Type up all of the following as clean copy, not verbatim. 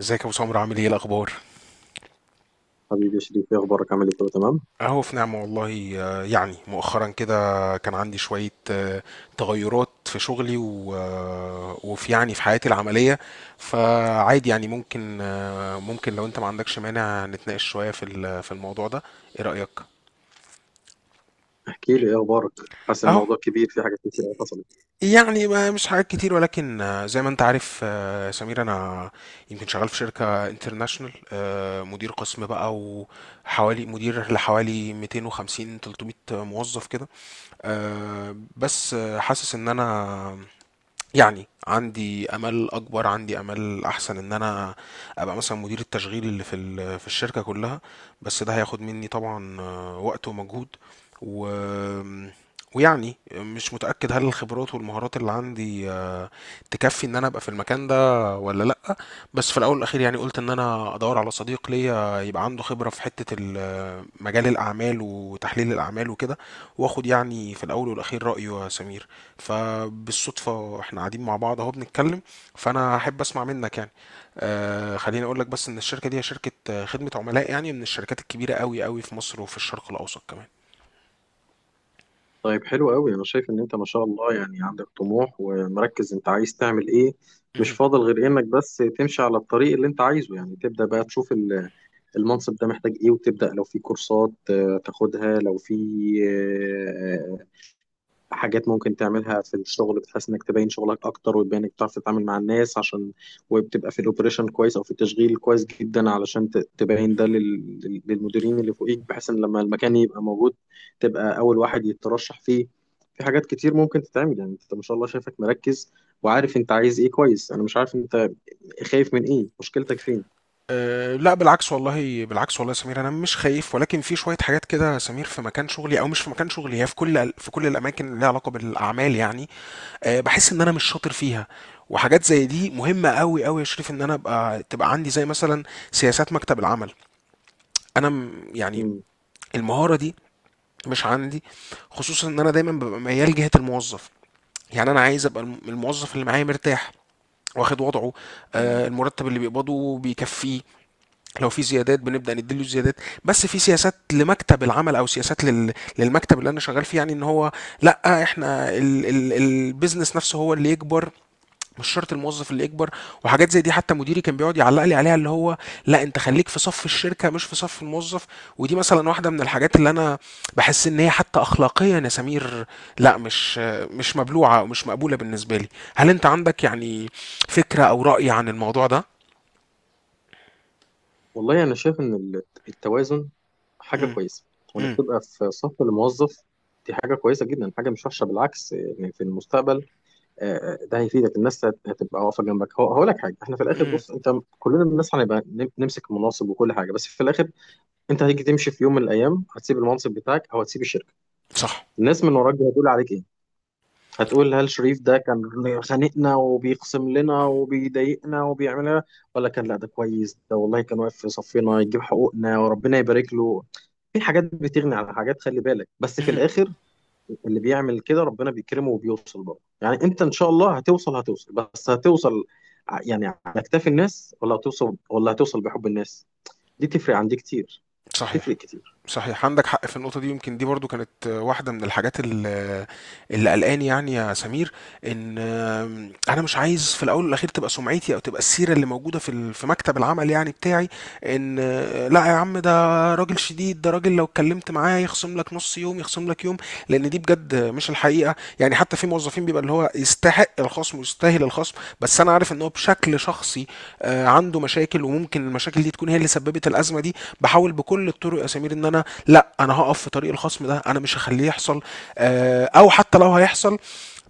ازيك يا ابو سمر، عامل ايه الاخبار؟ حبيبي يا شريف، ايه اخبارك؟ عامل ايه؟ كله تمام؟ اهو في نعمه والله، يعني مؤخرا كده كان عندي شويه، تغيرات في شغلي وفي يعني في حياتي العمليه. فعادي يعني ممكن لو انت ما عندكش مانع نتناقش شويه في الموضوع ده. ايه رايك؟ احكي لي ايه اخبارك. حاسس اهو الموضوع كبير، في حاجات كتير قوي حصلت. يعني ما مش حاجات كتير، ولكن زي ما انت عارف، سمير، انا يمكن شغال في شركة انترناشونال، مدير قسم بقى، وحوالي مدير لحوالي 250 300 موظف كده. بس حاسس ان انا يعني عندي امل اكبر، عندي امل احسن ان انا ابقى مثلا مدير التشغيل اللي في الشركه كلها. بس ده هياخد مني طبعا وقت ومجهود، و ويعني مش متاكد هل الخبرات والمهارات اللي عندي تكفي ان انا ابقى في المكان ده ولا لا. بس في الاول والاخير يعني قلت ان انا ادور على صديق ليا يبقى عنده خبره في حته مجال الاعمال وتحليل الاعمال وكده، واخد يعني في الاول والاخير رايه، يا سمير. فبالصدفة احنا قاعدين مع بعض اهو بنتكلم، فانا احب اسمع منك يعني. خليني اقول لك بس ان الشركة دي هي شركة خدمة عملاء، يعني من الشركات الكبيرة قوي قوي في مصر وفي الشرق الاوسط كمان. طيب، حلو قوي. انا شايف ان انت ما شاء الله عندك طموح ومركز، انت عايز تعمل ايه؟ مش مهم. فاضل غير انك بس تمشي على الطريق اللي انت عايزه، تبدا بقى تشوف المنصب ده محتاج ايه، وتبدا لو في كورسات تاخدها، لو في آه، حاجات ممكن تعملها في الشغل بتحس انك تبين شغلك اكتر، وتبين انك بتعرف تتعامل مع الناس، عشان وبتبقى في الاوبريشن كويس او في التشغيل كويس جدا، علشان تبين ده للمديرين اللي فوقيك، بحيث ان لما المكان يبقى موجود تبقى اول واحد يترشح فيه. في حاجات كتير ممكن تتعمل. انت ما شاء الله شايفك مركز وعارف انت عايز ايه، كويس. انا مش عارف انت خايف من ايه، مشكلتك فين؟ أه، لا، بالعكس والله، بالعكس والله يا سمير، انا مش خايف، ولكن في شويه حاجات كده يا سمير في مكان شغلي او مش في مكان شغلي، هي في كل الاماكن اللي ليها علاقه بالاعمال، يعني. أه، بحس ان انا مش شاطر فيها. وحاجات زي دي مهمه قوي قوي يا شريف، ان انا تبقى عندي زي مثلا سياسات مكتب العمل. انا يعني المهارة دي مش عندي، خصوصا ان انا دايما ببقى ميال جهة الموظف. يعني انا عايز ابقى الموظف اللي معايا مرتاح، واخد وضعه، مم. المرتب اللي بيقبضه بيكفيه، لو في زيادات بنبدأ نديله زيادات. بس في سياسات لمكتب العمل او سياسات للمكتب اللي انا شغال فيه، يعني ان هو لا، احنا البيزنس نفسه هو اللي يكبر، مش شرط الموظف اللي يكبر. وحاجات زي دي حتى مديري كان بيقعد يعلق لي عليها، اللي هو: لا، انت خليك في صف الشركه مش في صف الموظف. ودي مثلا واحده من الحاجات اللي انا بحس ان هي حتى اخلاقيا يا سمير، لا، مش مبلوعه او مش مقبوله بالنسبه لي. هل انت عندك يعني فكره او راي عن الموضوع ده؟ والله أنا شايف إن التوازن حاجة امم. كويسة، وإنك امم. تبقى في صف الموظف دي حاجة كويسة جدا، حاجة مش وحشة بالعكس. في المستقبل ده هيفيدك، الناس هتبقى واقفة جنبك. هقول لك حاجة، إحنا في الآخر، امم. بص أنت كلنا الناس هنبقى نمسك مناصب وكل حاجة، بس في الآخر أنت هتيجي تمشي في يوم من الأيام، هتسيب المنصب بتاعك أو هتسيب الشركة، صح. الناس من وراك دي هتقول عليك إيه؟ هتقول هل شريف ده كان خانقنا وبيقسم لنا وبيضايقنا وبيعمل لنا، ولا كان لا ده كويس، ده والله كان واقف في صفنا يجيب حقوقنا وربنا يبارك له. في حاجات بتغني على حاجات، خلي بالك. بس في امم. الاخر اللي بيعمل كده ربنا بيكرمه وبيوصل، برضه انت ان شاء الله هتوصل، هتوصل، بس هتوصل على اكتاف الناس، ولا هتوصل، ولا هتوصل بحب الناس؟ دي تفرق عندي كتير، تفرق صحيح. كتير. صحيح، عندك حق في النقطة دي، يمكن دي برضو كانت واحدة من الحاجات اللي قلقاني يعني يا سمير، ان انا مش عايز في الاول والاخير تبقى سمعتي او تبقى السيرة اللي موجودة في مكتب العمل يعني بتاعي، ان لا يا عم، ده راجل شديد، ده راجل لو اتكلمت معاه يخصم لك نص يوم، يخصم لك يوم. لان دي بجد مش الحقيقة، يعني حتى في موظفين بيبقى اللي هو يستحق الخصم ويستاهل الخصم. بس انا عارف ان هو بشكل شخصي عنده مشاكل، وممكن المشاكل دي تكون هي اللي سببت الأزمة دي. بحاول بكل الطرق يا سمير ان انا، لا، انا هقف في طريق الخصم ده، انا مش هخليه يحصل. او حتى لو هيحصل،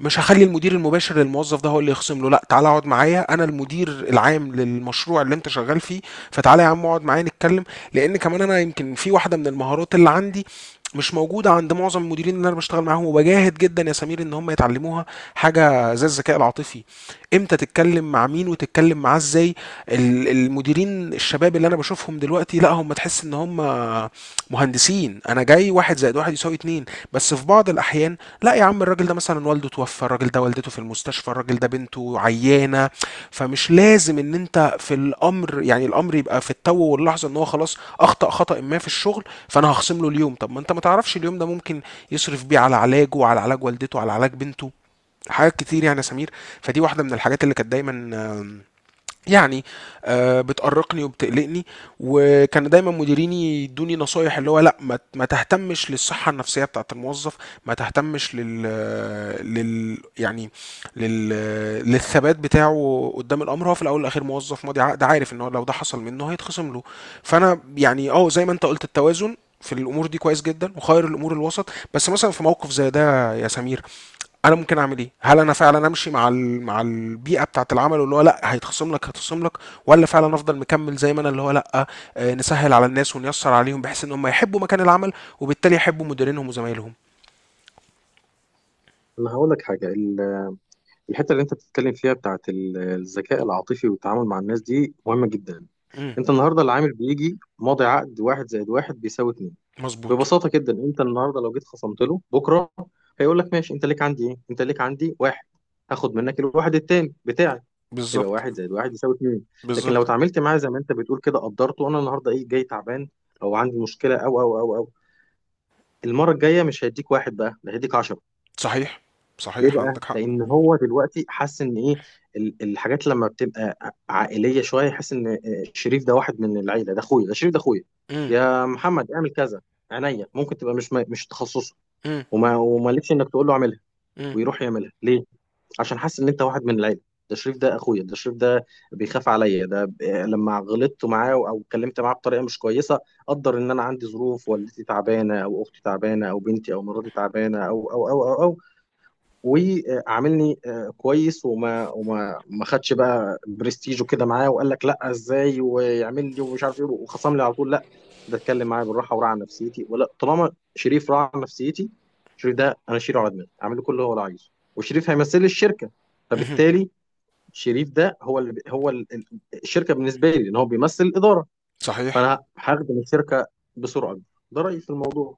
مش هخلي المدير المباشر للموظف ده هو اللي يخصم له. لا، تعالى اقعد معايا، انا المدير العام للمشروع اللي انت شغال فيه. فتعالى يا عم اقعد معايا نتكلم. لان كمان انا يمكن في واحده من المهارات اللي عندي مش موجوده عند معظم المديرين اللي انا بشتغل معاهم، وبجاهد جدا يا سمير ان هم يتعلموها. حاجه زي الذكاء العاطفي، امتى تتكلم مع مين وتتكلم معاه ازاي. المديرين الشباب اللي انا بشوفهم دلوقتي، لا، هم تحس ان هم مهندسين، انا جاي واحد زائد واحد يساوي اتنين. بس في بعض الاحيان، لا يا عم، الراجل ده مثلا والده توفى، الراجل ده والدته في المستشفى، الراجل ده بنته عيانه. فمش لازم ان انت في الامر، يعني الامر يبقى في التو واللحظه ان هو خلاص اخطا خطا ما في الشغل فانا هخصم له اليوم. طب ما انت ما تعرفش اليوم ده ممكن يصرف بيه على علاجه وعلى علاج والدته وعلى علاج بنته. حاجات كتير يعني يا سمير. فدي واحده من الحاجات اللي كانت دايما، آم، يعني، بتقرقني وبتقلقني. وكان دايما مديريني يدوني نصايح، اللي هو: لا، ما تهتمش للصحة النفسية بتاعة الموظف، ما تهتمش لل لل يعني لل للثبات بتاعه قدام الامر، هو في الاول والاخير موظف ماضي عقد، عارف ان هو لو ده حصل منه هيتخصم له. فانا يعني زي ما انت قلت: التوازن في الامور دي كويس جدا، وخير الامور الوسط. بس مثلا في موقف زي ده يا سمير انا ممكن اعمل ايه؟ هل انا فعلا امشي مع البيئه بتاعه العمل اللي هو لا، هيتخصم لك هيتخصم لك، ولا فعلا افضل مكمل زي ما انا اللي هو لا، نسهل على الناس ونيسر عليهم بحيث ان هم يحبوا مكان العمل، وبالتالي يحبوا مديرينهم وزمايلهم. انا هقول لك حاجه، الحته اللي انت بتتكلم فيها بتاعت الذكاء العاطفي والتعامل مع الناس دي مهمه جدا. امم. انت النهارده العامل بيجي ماضي عقد، واحد زائد واحد بيساوي اتنين. مظبوط. ببساطه جدا انت النهارده لو جيت خصمت له، بكره هيقول لك ماشي، انت ليك عندي ايه؟ انت ليك عندي واحد، هاخد منك الواحد التاني بتاعي، يبقى بالظبط. واحد زائد واحد يساوي اتنين. لكن لو بالظبط. اتعاملت معاه زي ما انت بتقول كده، قدرته، انا النهارده ايه جاي تعبان او عندي مشكله او، المره الجايه مش هيديك واحد بقى، ده هيديك 10. صحيح. ليه صحيح، بقى؟ عندك حق. لأن هو دلوقتي حاسس إن إيه، الحاجات لما بتبقى عائلية شوية يحس إن شريف ده واحد من العيلة، ده أخويا، ده شريف، ده أخويا، امم. يا محمد اعمل كذا، عينيا ممكن تبقى مش تخصصه، امم. ومالكش إنك تقول له اعملها ويروح يعملها. ليه؟ عشان حاسس إن أنت واحد من العيلة، ده شريف ده أخويا، ده شريف ده بيخاف عليا. ده لما غلطت معاه أو اتكلمت معاه بطريقة مش كويسة، قدر إن أنا عندي ظروف، والدتي تعبانة أو أختي تعبانة أو بنتي أو مراتي تعبانة أو. وعاملني كويس، وما وما ما خدش بقى برستيج وكده معاه، وقال لك لا ازاي ويعمل لي ومش عارف ايه وخصم لي على طول، لا ده اتكلم معايا بالراحه وراعى نفسيتي، ولا طالما شريف راعى نفسيتي، شريف ده انا شيله على دماغي، اعمل له كل اللي هو عايزه، وشريف هيمثل لي الشركه، امم. فبالتالي شريف ده هو اللي هو الشركه بالنسبه لي، لان هو بيمثل الاداره، صحيح. فانا هخدم الشركه بسرعه أكبر. ده رايي في الموضوع،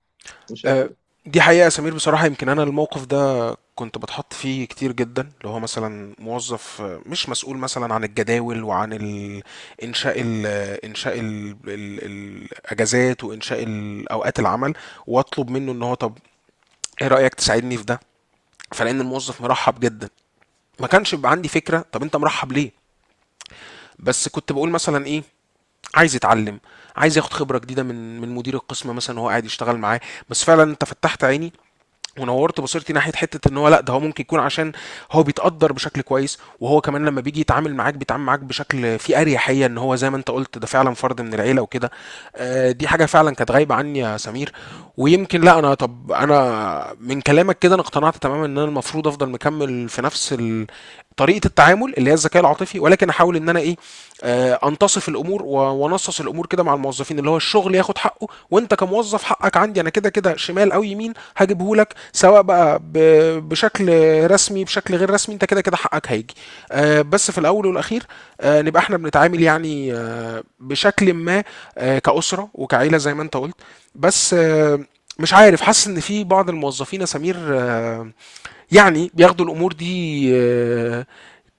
مش شايف؟ آه، دي حقيقة يا سمير، بصراحة يمكن أنا الموقف ده كنت باتحط فيه كتير جدا، اللي هو مثلا موظف مش مسؤول مثلا عن الجداول وعن ال- انشاء ال انشاء ال ال الاجازات، وانشاء اوقات العمل، واطلب منه ان هو: طب، ايه رايك تساعدني في ده؟ فلان الموظف مرحب جدا، ما كانش بيبقى عندي فكره طب انت مرحب ليه. بس كنت بقول مثلا ايه، عايز يتعلم، عايز ياخد خبره جديده من مدير القسم مثلا وهو قاعد يشتغل معاه. بس فعلا انت فتحت عيني ونورت بصيرتي ناحيه حته ان هو، لا، ده هو ممكن يكون عشان هو بيتقدر بشكل كويس، وهو كمان لما بيجي يتعامل معاك بيتعامل معاك بشكل فيه اريحيه، ان هو زي ما انت قلت ده فعلا فرد من العيله وكده. دي حاجه فعلا كانت غايبه عني يا سمير. ويمكن، لا، انا، طب انا من كلامك كده انا اقتنعت تماما ان انا المفروض افضل مكمل في نفس طريقه التعامل اللي هي الذكاء العاطفي، ولكن احاول ان انا ايه، انتصف الامور وانصص الامور كده مع الموظفين، اللي هو الشغل ياخد حقه وانت كموظف حقك عندي، انا كده كده شمال او يمين هجيبه لك، سواء بقى بشكل رسمي بشكل غير رسمي، انت كده كده حقك هيجي. بس في الاول والاخير نبقى احنا بنتعامل يعني بشكل ما، كأسرة وكعيلة زي ما انت قلت. بس مش عارف، حاسس ان في بعض الموظفين يا سمير يعني بياخدوا الامور دي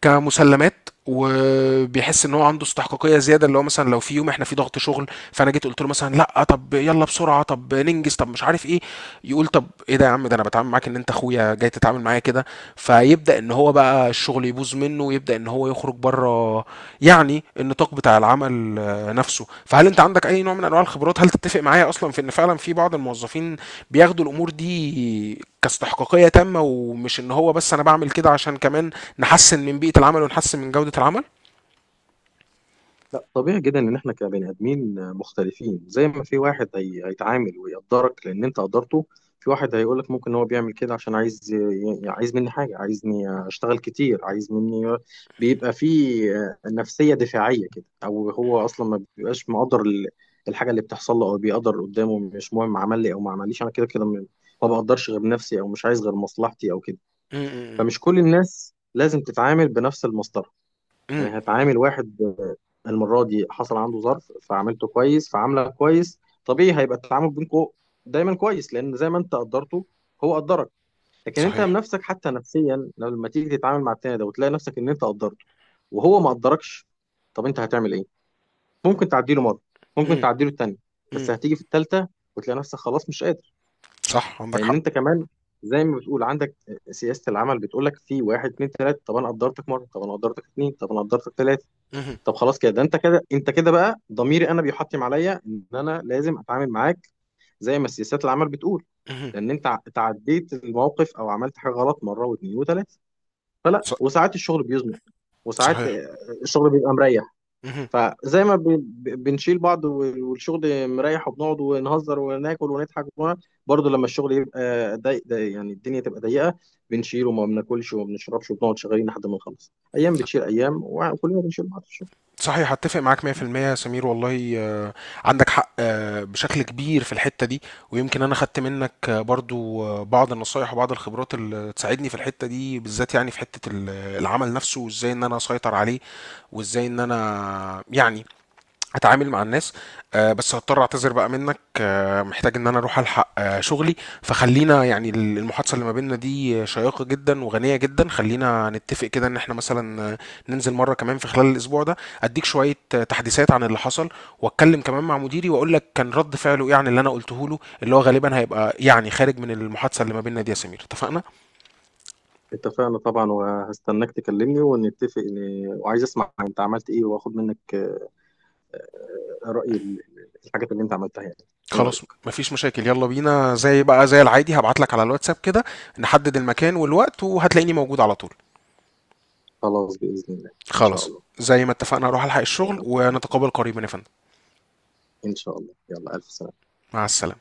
كمسلمات، وبيحس ان هو عنده استحقاقيه زياده، اللي هو مثلا لو في يوم احنا في ضغط شغل فانا جيت قلت له مثلا: لا طب يلا بسرعه، طب ننجز، طب مش عارف ايه. يقول: طب ايه ده يا عم، ده انا بتعامل معاك ان انت اخويا، جاي تتعامل معايا كده؟ فيبدا ان هو بقى الشغل يبوظ منه، ويبدا ان هو يخرج بره، يعني النطاق بتاع العمل نفسه. فهل انت عندك اي نوع من انواع الخبرات؟ هل تتفق معايا اصلا في ان فعلا في بعض الموظفين بياخدوا الامور دي كاستحقاقيه تامه، ومش ان هو بس انا بعمل كده عشان كمان نحسن من بيئه العمل ونحسن من جوده العمل؟ لا، طبيعي جدا ان احنا كبني ادمين مختلفين. زي ما في واحد هيتعامل ويقدرك لان انت قدرته، في واحد هيقولك ممكن هو بيعمل كده عشان عايز عايز مني حاجه، عايزني اشتغل كتير، عايز مني، بيبقى في نفسيه دفاعيه كده، او هو اصلا ما بيبقاش مقدر الحاجه اللي بتحصل له، او بيقدر قدامه مش مهم، عمل لي او ما عمليش انا كده كده ما بقدرش غير نفسي، او مش عايز غير مصلحتي، او كده. امم. فمش كل الناس لازم تتعامل بنفس المصدر. امم. هتعامل واحد المرة دي حصل عنده ظرف، فعملته كويس، فعامله كويس، طبيعي هيبقى التعامل بينكم دايما كويس، لأن زي ما أنت قدرته هو قدرك. لكن أنت صحيح. بنفسك حتى نفسيا لما تيجي تتعامل مع التاني ده وتلاقي نفسك إن أنت قدرته وهو ما قدركش، طب أنت هتعمل إيه؟ ممكن تعديله مرة، ممكن امم. تعديله التانية، بس هتيجي في التالتة وتلاقي نفسك خلاص مش قادر. صح، عندك لأن حق. أنت كمان زي ما بتقول عندك سياسة العمل بتقول لك في واحد اتنين تلاتة، طب أنا قدرتك مرة، طب أنا قدرتك اتنين، طب أنا قدرتك تلاتة، طب خلاص كده، ده انت كده، انت كده بقى ضميري انا بيحطم عليا ان انا لازم اتعامل معاك زي ما سياسات العمل بتقول، امم. لان انت تعديت الموقف او عملت حاجه غلط مره واثنين وثلاثه. فلا، وساعات الشغل بيزنق، وساعات صحيح. الشغل بيبقى مريح، مم. فزي ما بنشيل بعض، والشغل مريح وبنقعد ونهزر وناكل ونضحك ونقعد، برضه لما الشغل يبقى يعني الدنيا تبقى ضيقه، بنشيل وما بناكلش وما بنشربش وبنقعد شغالين لحد ما نخلص، ايام بتشيل ايام وكلنا بنشيل بعض. صحيح، هتفق معاك 100% يا سمير والله. عندك حق بشكل كبير في الحتة دي. ويمكن أنا خدت منك برضو بعض النصايح وبعض الخبرات اللي تساعدني في الحتة دي بالذات، يعني في حتة العمل نفسه، وإزاي إن أنا أسيطر عليه، وإزاي إن أنا يعني اتعامل مع الناس. بس هضطر اعتذر بقى منك، محتاج ان انا اروح الحق شغلي. فخلينا يعني المحادثه اللي ما بيننا دي شيقه جدا وغنيه جدا، خلينا نتفق كده ان احنا مثلا ننزل مره كمان في خلال الاسبوع ده، اديك شويه تحديثات عن اللي حصل، واتكلم كمان مع مديري واقول لك كان رد فعله ايه عن اللي انا قلته له، اللي هو غالبا هيبقى يعني خارج من المحادثه اللي ما بيننا دي يا سمير. اتفقنا؟ اتفقنا طبعا، وهستناك تكلمني ونتفق وعايز اسمع انت عملت ايه، واخد منك رأي الحاجات اللي انت عملتها يعني. ايه خلاص، رأيك؟ مفيش مشاكل، يلا بينا، زي العادي هبعت لك على الواتساب كده، نحدد المكان والوقت، وهتلاقيني موجود على طول. خلاص بإذن الله. ان شاء خلاص، الله. زي ما اتفقنا هروح الحق يا الشغل، رب. ونتقابل قريبا يا فندم. ان شاء الله، يلا الف سلامة. مع السلامة.